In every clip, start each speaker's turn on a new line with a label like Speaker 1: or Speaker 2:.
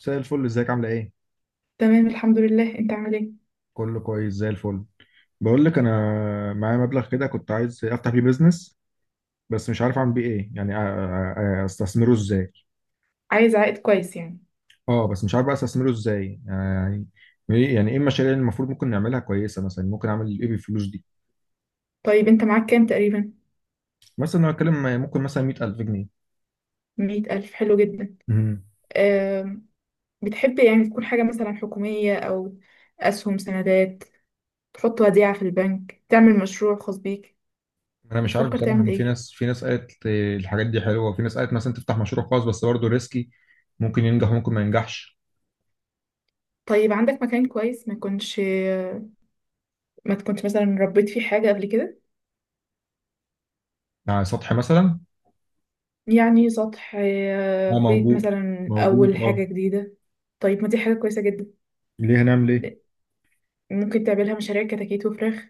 Speaker 1: زي الفل، ازيك؟ عامله ايه؟
Speaker 2: تمام، الحمد لله. انت عامل ايه؟
Speaker 1: كله كويس زي الفل. بقول لك انا معايا مبلغ كده، كنت عايز افتح بيه بيزنس، بس مش عارف اعمل بيه ايه يعني، استثمره ازاي.
Speaker 2: عايز عائد كويس يعني؟
Speaker 1: اه بس مش عارف بقى استثمره ازاي. يعني ايه المشاريع اللي المفروض ممكن نعملها كويسه؟ مثلا ممكن اعمل ايه بالفلوس دي؟
Speaker 2: طيب انت معاك كام تقريبا؟
Speaker 1: مثلا انا اتكلم، ممكن مثلا 100000 جنيه.
Speaker 2: 100 ألف، حلو جدا.
Speaker 1: امم
Speaker 2: أم. بتحب يعني تكون حاجة مثلا حكومية أو أسهم سندات، تحط وديعة في البنك، تعمل مشروع خاص بيك؟
Speaker 1: انا مش عارف
Speaker 2: بتفكر
Speaker 1: بصراحه،
Speaker 2: تعمل ايه؟
Speaker 1: في ناس قالت الحاجات دي حلوه، وفي ناس قالت مثلا تفتح مشروع خاص بس برضه ريسكي. ممكن ينجح وممكن ما ينجحش.
Speaker 2: طيب عندك مكان كويس ما يكونش ما تكونش مثلا ربيت فيه حاجة قبل كده؟
Speaker 1: على سطح مثلا.
Speaker 2: يعني سطح،
Speaker 1: اه
Speaker 2: بيت
Speaker 1: موجود،
Speaker 2: مثلا،
Speaker 1: موجود
Speaker 2: أول حاجة
Speaker 1: اه.
Speaker 2: جديدة. طيب، ما دي حاجة كويسة جدا.
Speaker 1: ليه؟ هنعمل ايه؟
Speaker 2: ممكن تعملها مشاريع كتاكيت وفراخ.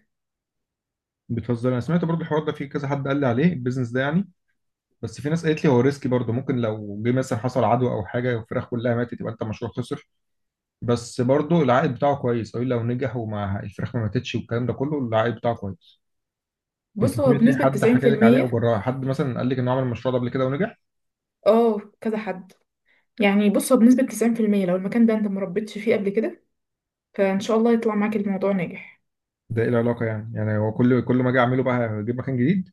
Speaker 1: بتهزر، انا سمعت برضو الحوار ده، في كذا حد قال لي عليه البيزنس ده يعني. بس في ناس قالت لي هو ريسكي برضو، ممكن لو جه مثلا حصل عدوى او حاجه والفراخ كلها ماتت، يبقى انت المشروع خسر. بس برضو العائد بتاعه كويس قوي لو نجح وما الفراخ ما ماتتش والكلام ده كله، العائد بتاعه كويس. انت
Speaker 2: بص، هو
Speaker 1: سمعت إيه؟
Speaker 2: بنسبة
Speaker 1: حد حكى لك عليه او
Speaker 2: 90%.
Speaker 1: جربها؟ حد مثلا قال لك انه عمل المشروع ده قبل كده ونجح؟
Speaker 2: اه كذا حد. يعني بص هو بنسبة 90% لو المكان ده انت مربيتش فيه قبل كده، فان شاء الله يطلع معاك الموضوع ناجح.
Speaker 1: ده ايه العلاقه يعني؟ يعني هو كل ما اجي اعمله بقى اجيب مكان جديد؟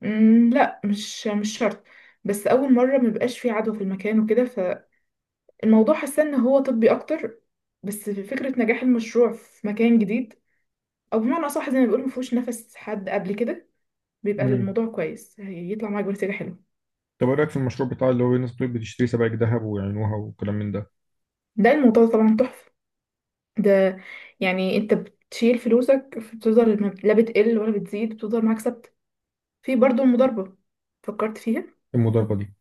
Speaker 2: لا، مش شرط. بس اول مرة مبيبقاش فيه عدوى في المكان وكده، فالموضوع حاسة ان هو طبي اكتر. بس في فكرة نجاح المشروع في مكان جديد، او بمعنى اصح زي ما بيقولوا مفهوش نفس حد قبل كده، بيبقى
Speaker 1: امم.
Speaker 2: الموضوع كويس، هيطلع معاك بنتيجة حلوة.
Speaker 1: طب ايه رايك في المشروع بتاع اللي هو الناس بتقول بتشتري سبائك ذهب ويعينوها وكلام من ده؟
Speaker 2: ده الموضوع طبعا تحفة. ده يعني انت بتشيل فلوسك، بتفضل لا بتقل ولا بتزيد، بتفضل معاك ثابتة. في برضو المضاربة، فكرت فيها؟
Speaker 1: المضاربه دي،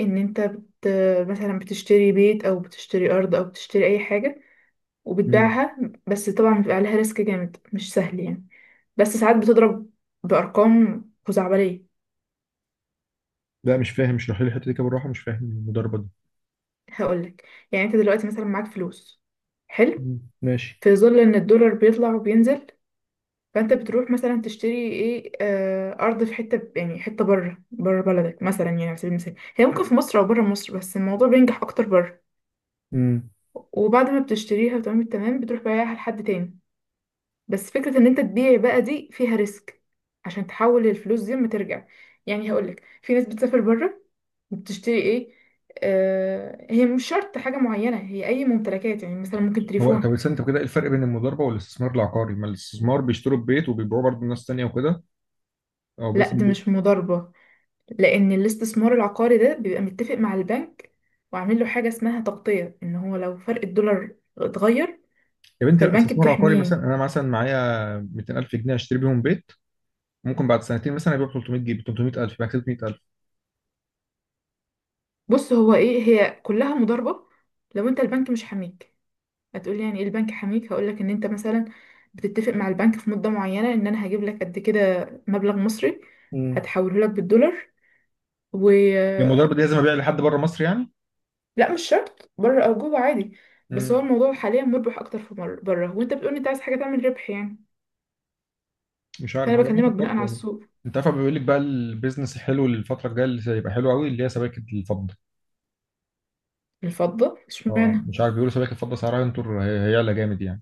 Speaker 2: ان انت بت... مثلا بتشتري بيت او بتشتري ارض او بتشتري اي حاجة
Speaker 1: مم،
Speaker 2: وبتبيعها. بس طبعا بيبقى عليها ريسك جامد، مش سهل يعني. بس ساعات بتضرب بارقام خزعبلية.
Speaker 1: لا مش فاهم، اشرح لي الحته دي كده بالراحه، مش فاهم المضاربه دي.
Speaker 2: هقولك. يعني انت دلوقتي مثلا معاك فلوس، حلو.
Speaker 1: مم، ماشي.
Speaker 2: في ظل ان الدولار بيطلع وبينزل، فانت بتروح مثلا تشتري ايه ارض في حته، يعني حته بره بلدك مثلا، يعني على سبيل المثال، هي ممكن في مصر او بره مصر، بس الموضوع بينجح اكتر بره.
Speaker 1: مم.
Speaker 2: وبعد ما بتشتريها وتمام التمام، بتروح بايعها لحد تاني. بس فكرة ان انت تبيع بقى دي فيها ريسك، عشان تحول الفلوس دي ما ترجع. يعني هقولك، في ناس بتسافر بره بتشتري ايه، هي مش شرط حاجة معينة، هي اي ممتلكات، يعني مثلا ممكن
Speaker 1: هو
Speaker 2: تليفون.
Speaker 1: طب استنى، انت كده ايه الفرق بين المضاربه والاستثمار العقاري؟ ما الاستثمار بيشتروا البيت وبيبيعوه برضه لناس تانيه وكده، او بس
Speaker 2: لا، دي
Speaker 1: البيت.
Speaker 2: مش مضاربة، لان الاستثمار العقاري ده بيبقى متفق مع البنك، وعامل له حاجة اسمها تغطية، ان هو لو فرق الدولار اتغير
Speaker 1: يا بنتي، لا،
Speaker 2: فالبنك
Speaker 1: استثمار عقاري مثلا،
Speaker 2: بتحميه.
Speaker 1: انا مثلا معايا 200000 جنيه اشتري بيهم بيت، ممكن بعد سنتين مثلا ابيع 300 جنيه، 300000، يبقى كسبت 100000.
Speaker 2: بص، هو ايه، هي كلها مضاربة لو انت البنك مش حاميك. هتقولي يعني ايه البنك حميك، هقولك ان انت مثلا بتتفق مع البنك في مدة معينة ان انا هجيب لك قد كده مبلغ مصري،
Speaker 1: مم.
Speaker 2: هتحوله لك بالدولار، و...
Speaker 1: هي المضاربه دي لازم ابيع لحد بره مصر يعني؟
Speaker 2: لا، مش شرط بره او جوه، عادي. بس هو
Speaker 1: مم.
Speaker 2: الموضوع حاليا مربح اكتر في بره، وانت بتقولي انت عايز حاجة تعمل ربح يعني،
Speaker 1: مش عارف،
Speaker 2: فانا
Speaker 1: هو انا
Speaker 2: بكلمك بناء
Speaker 1: فكرت
Speaker 2: على
Speaker 1: يعني.
Speaker 2: السوق.
Speaker 1: انت عارف بيقول لك بقى البيزنس الحلو الفتره الجايه اللي هيبقى حلو قوي، اللي هي سبائك الفضه.
Speaker 2: الفضة؟
Speaker 1: اه
Speaker 2: اشمعنى؟
Speaker 1: مش عارف، بيقولوا سباكة فضة سعرها ينطر، هيعلى جامد يعني.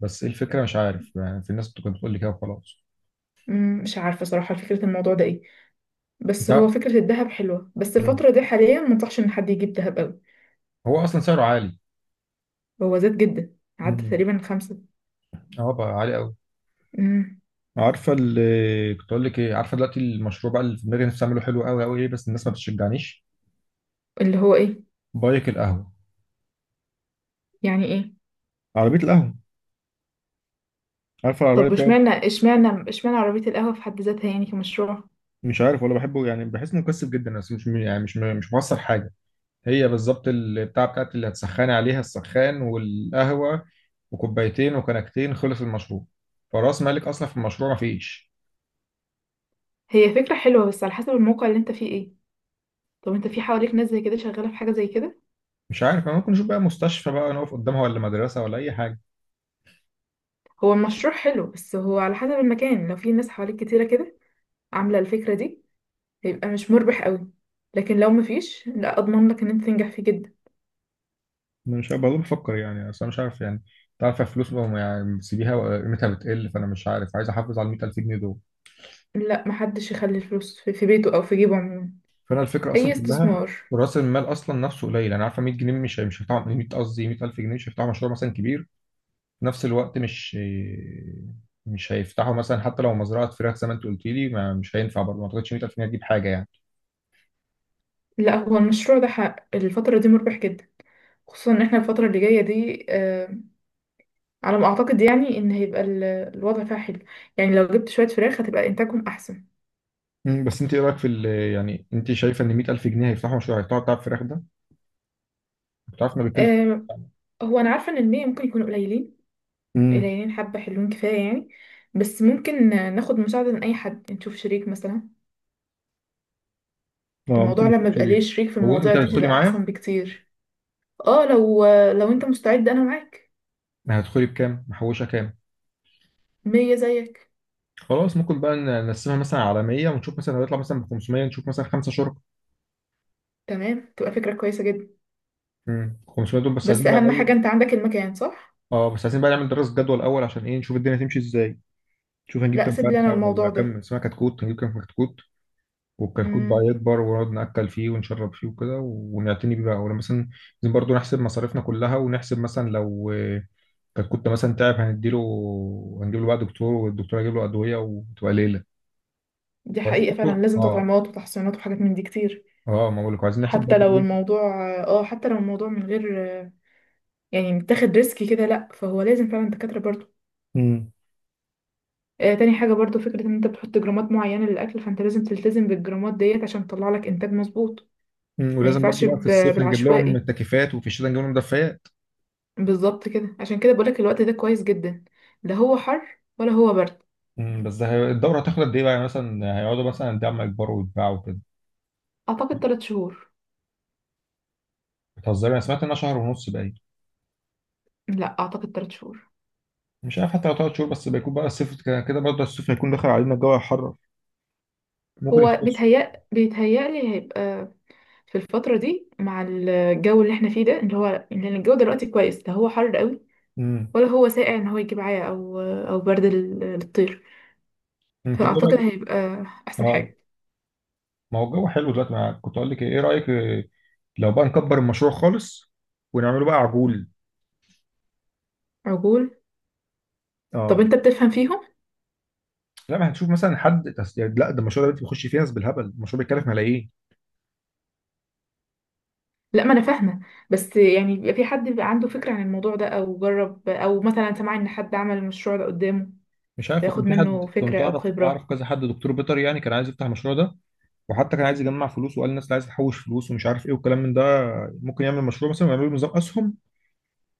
Speaker 1: بس ايه الفكرة؟ مش عارف يعني، في الناس كانت بتقول لي كده وخلاص.
Speaker 2: مش عارفة صراحة فكرة الموضوع ده ايه. بس هو
Speaker 1: لا.
Speaker 2: فكرة الذهب حلوة، بس
Speaker 1: مم.
Speaker 2: الفترة دي حاليا منصحش ان حد يجيب ذهب قوي.
Speaker 1: هو اصلا سعره عالي.
Speaker 2: هو زاد جدا، عدى
Speaker 1: مم،
Speaker 2: تقريبا خمسة.
Speaker 1: اه بقى عالي قوي.
Speaker 2: مم،
Speaker 1: عارفة اللي كنت اقول لك ايه؟ عارفة دلوقتي المشروع بقى اللي في دماغي نفسي اعمله حلو قوي قوي ايه؟ بس الناس ما بتشجعنيش.
Speaker 2: اللي هو ايه؟
Speaker 1: بايك القهوة،
Speaker 2: يعني ايه؟
Speaker 1: عربية القهوة، عارفة العربية
Speaker 2: طب
Speaker 1: بتاعت؟
Speaker 2: اشمعنى عربية القهوة في حد ذاتها يعني كمشروع؟
Speaker 1: مش عارف ولا بحبه يعني، بحس انه مكثف جدا بس مش يعني، مش مش موصل حاجة. هي بالظبط البتاع بتاعت اللي هتسخني عليها السخان والقهوة، وكوبايتين وكنكتين، خلص المشروع. فراس مالك أصلا في المشروع مفيش.
Speaker 2: هي فكرة حلوة، بس على حسب الموقع اللي انت فيه ايه. طب انت في حواليك ناس زي كده شغالة في حاجة زي كده؟
Speaker 1: مش عارف أنا، ممكن نشوف بقى مستشفى بقى نقف قدامها، ولا مدرسة، ولا أي حاجة.
Speaker 2: هو المشروع حلو، بس هو على حسب المكان. لو في ناس حواليك كتيرة كده عاملة الفكرة دي، هيبقى مش مربح قوي. لكن لو مفيش، لا، اضمن لك ان انت تنجح فيه جدا.
Speaker 1: أنا مش عارف برضه، بفكر يعني، أصل أنا مش عارف يعني. أنت عارف الفلوس بقى يعني بتسيبيها قيمتها بتقل، فأنا مش عارف، عايز أحافظ على 100000 جنيه دول.
Speaker 2: لا، محدش يخلي الفلوس في بيته او في جيبه عموما.
Speaker 1: فأنا الفكرة
Speaker 2: اي
Speaker 1: أصلا كلها،
Speaker 2: استثمار.
Speaker 1: رأس المال أصلا نفسه قليل. أنا عارفة 100 جنيه مش هيفتحوا، 100 قصدي 100000 جنيه مش هيفتحوا مشروع مثلا كبير. في نفس الوقت مش هيفتحوا مثلا حتى لو مزرعه فراخ زي ما انت قلت لي، ما مش هينفع برضه، ما اعتقدش 100000 جنيه هتجيب حاجه يعني.
Speaker 2: لا، هو المشروع ده حق الفترة دي مربح جدا، خصوصا ان احنا الفترة اللي جاية دي، على ما اعتقد يعني، ان هيبقى الوضع فيها حلو. يعني لو جبت شويه فراخ هتبقى انتاجهم احسن.
Speaker 1: مم، بس انت ايه رايك يعني انت شايفه ان 100000 جنيه هيفتحوا مشروع، هيفتحوا بتاع الفراخ ده؟ بتعرف انه بيتكلف.
Speaker 2: أه. هو انا عارفه ان المية ممكن يكونوا قليلين،
Speaker 1: امم.
Speaker 2: قليلين حبه، حلوين كفايه يعني. بس ممكن ناخد مساعده من اي حد، نشوف شريك مثلا.
Speaker 1: اه
Speaker 2: الموضوع
Speaker 1: ممكن
Speaker 2: لما بيبقى ليه
Speaker 1: تشتري.
Speaker 2: شريك في
Speaker 1: هو
Speaker 2: المواضيع
Speaker 1: انت
Speaker 2: دي
Speaker 1: هتدخلي
Speaker 2: بيبقى
Speaker 1: معايا؟
Speaker 2: احسن بكتير. اه، لو انت مستعد انا معاك.
Speaker 1: هتدخلي بكام؟ محوشه كام؟
Speaker 2: مية زيك.
Speaker 1: خلاص ممكن بقى نقسمها مثلا على 100 ونشوف، مثلا هيطلع مثلا ب 500، نشوف مثلا خمسه شركاء.
Speaker 2: تمام، تبقى فكره كويسه جدا.
Speaker 1: امم، 500 دول بس
Speaker 2: بس
Speaker 1: عايزين بقى
Speaker 2: اهم
Speaker 1: الاول.
Speaker 2: حاجه انت عندك المكان، صح.
Speaker 1: اه بس عايزين بقى نعمل دراسه جدوى الاول عشان ايه؟ نشوف الدنيا تمشي ازاي، نشوف هنجيب
Speaker 2: لا،
Speaker 1: كام
Speaker 2: سيب لي انا
Speaker 1: فرخه، ولا
Speaker 2: الموضوع
Speaker 1: كام
Speaker 2: ده.
Speaker 1: اسمها كتكوت، هنجيب كام كتكوت. والكتكوت بقى
Speaker 2: امم
Speaker 1: يكبر ونقعد نأكل فيه ونشرب فيه وكده، ونعتني بيه بقى، ولما مثلا، لازم برضه نحسب مصاريفنا كلها، ونحسب مثلا لو الكتكوت ده مثلا تعب، هنديله، هنجيب له بقى دكتور، والدكتور هيجيب له أدوية، وتبقى ليلة.
Speaker 2: دي
Speaker 1: وعايزين
Speaker 2: حقيقه، فعلا
Speaker 1: برضه
Speaker 2: لازم
Speaker 1: اه،
Speaker 2: تطعيمات وتحصينات وحاجات من دي كتير.
Speaker 1: اه ما بقولك عايزين نحسب
Speaker 2: حتى
Speaker 1: برضه
Speaker 2: لو
Speaker 1: ايه.
Speaker 2: الموضوع، اه حتى لو الموضوع من غير يعني متاخد ريسك كده، لا، فهو لازم فعلا دكاترة برضو.
Speaker 1: امم.
Speaker 2: آه، تاني حاجة برضو، فكرة ان انت بتحط جرامات معينة للأكل، فانت لازم تلتزم بالجرامات ديت عشان تطلع لك انتاج مظبوط.
Speaker 1: مم،
Speaker 2: ما
Speaker 1: ولازم
Speaker 2: ينفعش
Speaker 1: برضه بقى في الصيف نجيب لهم
Speaker 2: بالعشوائي،
Speaker 1: التكييفات، وفي الشتاء نجيب لهم دفايات.
Speaker 2: بالظبط كده. عشان كده بقولك الوقت ده كويس جدا، لا هو حر ولا هو برد.
Speaker 1: مم، بس الدورة هتاخد قد ايه بقى يعني؟ مثلا هيقعدوا مثلا قد ايه عم يكبروا ويتباعوا كده؟
Speaker 2: اعتقد 3 شهور.
Speaker 1: بتهزري، انا سمعت انها شهر ونص بقى.
Speaker 2: لا، اعتقد 3 شهور.
Speaker 1: مش عارف، حتى لو تلات شهور، بس بيكون بقى الصيف كده برضه، الصيف هيكون دخل علينا، الجو هيحرر، ممكن
Speaker 2: هو
Speaker 1: يختصوا.
Speaker 2: بيتهيألي هيبقى في الفترة دي، مع الجو اللي احنا فيه ده، اللي هو لأن الجو دلوقتي كويس، لا هو حر قوي
Speaker 1: امم.
Speaker 2: ولا هو ساقع، ان هو يجيب عيا او او برد للطير.
Speaker 1: انت بقى
Speaker 2: فاعتقد
Speaker 1: رايك؟
Speaker 2: هيبقى احسن
Speaker 1: اه،
Speaker 2: حاجه.
Speaker 1: ما هو الجو حلو دلوقتي، ما كنت اقول لك ايه، إيه رايك؟ لو بقى نكبر المشروع خالص ونعمله بقى عجول.
Speaker 2: عجول. طب
Speaker 1: اه.
Speaker 2: انت بتفهم فيهم؟
Speaker 1: لا ما هنشوف مثلا حد يعني، لا ده المشروع ده دلوقتي بيخش فيه ناس بالهبل، المشروع بيتكلف ملايين.
Speaker 2: لا، ما انا فاهمه. بس يعني بيبقى في حد بيبقى عنده فكره عن الموضوع ده، او جرب، او مثلا سمع ان حد عمل المشروع ده قدامه،
Speaker 1: مش عارف،
Speaker 2: فياخد
Speaker 1: كان في
Speaker 2: منه
Speaker 1: حد
Speaker 2: فكره
Speaker 1: كنت
Speaker 2: او
Speaker 1: اعرف
Speaker 2: خبره.
Speaker 1: كذا حد دكتور بيطري يعني، كان عايز يفتح المشروع ده. وحتى كان عايز يجمع فلوس، وقال الناس اللي عايز تحوش فلوس ومش عارف ايه والكلام من ده، ممكن يعمل مشروع مثلا ويعمل له نظام اسهم،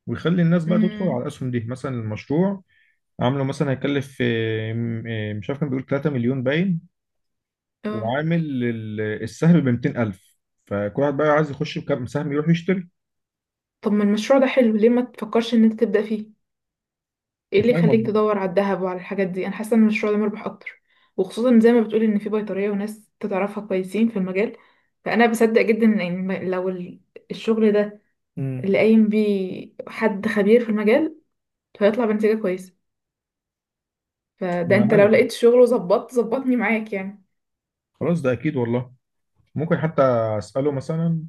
Speaker 1: ويخلي الناس بقى تدخل على
Speaker 2: امم
Speaker 1: الاسهم دي، مثلا المشروع عامله مثلا هيكلف، مش عارف، كان بيقول 3 مليون باين.
Speaker 2: اه،
Speaker 1: وعامل السهم ب 200000، فكل واحد بقى عايز يخش بكام سهم يروح يشتري.
Speaker 2: طب ما المشروع ده حلو، ليه ما تفكرش ان انت تبدا فيه؟ ايه اللي
Speaker 1: مش عارف
Speaker 2: يخليك
Speaker 1: والله.
Speaker 2: تدور على الذهب وعلى الحاجات دي؟ انا حاسه ان المشروع ده مربح اكتر، وخصوصا زي ما بتقولي ان في بيطريه وناس تعرفها كويسين في المجال. فانا بصدق جدا ان لو الشغل ده
Speaker 1: امم.
Speaker 2: اللي قايم بيه حد خبير في المجال، هيطلع بنتيجه كويسه. فده
Speaker 1: انا
Speaker 2: انت لو
Speaker 1: عارف،
Speaker 2: لقيت شغل وظبطت ظبطني معاك يعني.
Speaker 1: خلاص ده اكيد والله. ممكن حتى اساله مثلا،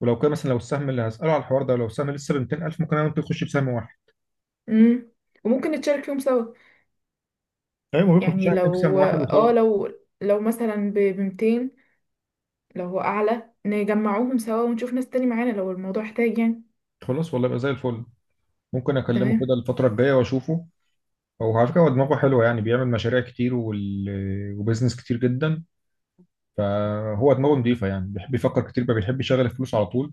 Speaker 1: ولو كان مثلا، لو السهم اللي هساله على الحوار ده لو السهم لسه ب 200000، ممكن انا وانت نخش بسهم واحد.
Speaker 2: امم وممكن نتشارك فيهم سوا.
Speaker 1: ايوه ممكن نخش
Speaker 2: يعني
Speaker 1: انا وأنت بسهم
Speaker 2: لو
Speaker 1: واحد
Speaker 2: اه
Speaker 1: وخلاص.
Speaker 2: لو لو مثلا ب 200. لو هو اعلى نجمعوهم سوا، ونشوف ناس تاني معانا لو الموضوع احتاج يعني.
Speaker 1: خلاص والله، يبقى زي الفل. ممكن اكلمه
Speaker 2: تمام.
Speaker 1: كده الفتره الجايه واشوفه. هو على فكرة هو دماغه حلوة يعني، بيعمل مشاريع كتير وبزنس كتير جدا. فهو دماغه نضيفة يعني، بيحب يفكر كتير بقى، بيحب يشغل الفلوس على طول.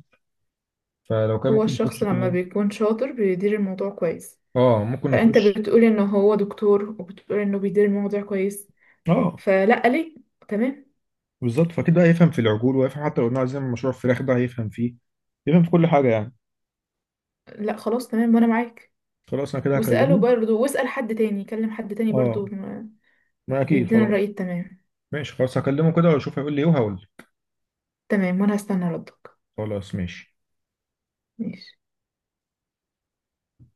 Speaker 1: فلو كان
Speaker 2: هو
Speaker 1: ممكن
Speaker 2: الشخص
Speaker 1: نخش
Speaker 2: لما
Speaker 1: كلنا،
Speaker 2: بيكون شاطر بيدير الموضوع كويس،
Speaker 1: اه ممكن
Speaker 2: فانت
Speaker 1: نخش.
Speaker 2: بتقول ان هو دكتور وبتقول انه بيدير الموضوع كويس،
Speaker 1: اه
Speaker 2: فلا ليه. تمام.
Speaker 1: بالظبط، فاكيد بقى يفهم في العجول، ويفهم حتى لو قلنا عايزين نعمل مشروع الفراخ ده هيفهم فيه، يفهم في كل حاجة يعني.
Speaker 2: لا خلاص، تمام، وانا معاك.
Speaker 1: خلاص انا كده
Speaker 2: واساله
Speaker 1: هكلمه.
Speaker 2: برضه، واسال حد تاني، كلم حد تاني برضه
Speaker 1: اه ما اكيد
Speaker 2: يدينا الرأي
Speaker 1: خلاص.
Speaker 2: التمام.
Speaker 1: ماشي خلاص، هكلمه كده واشوف هيقول لي ايه وهقول له.
Speaker 2: تمام، وانا هستنى ردك.
Speaker 1: خلاص ماشي
Speaker 2: ماشي.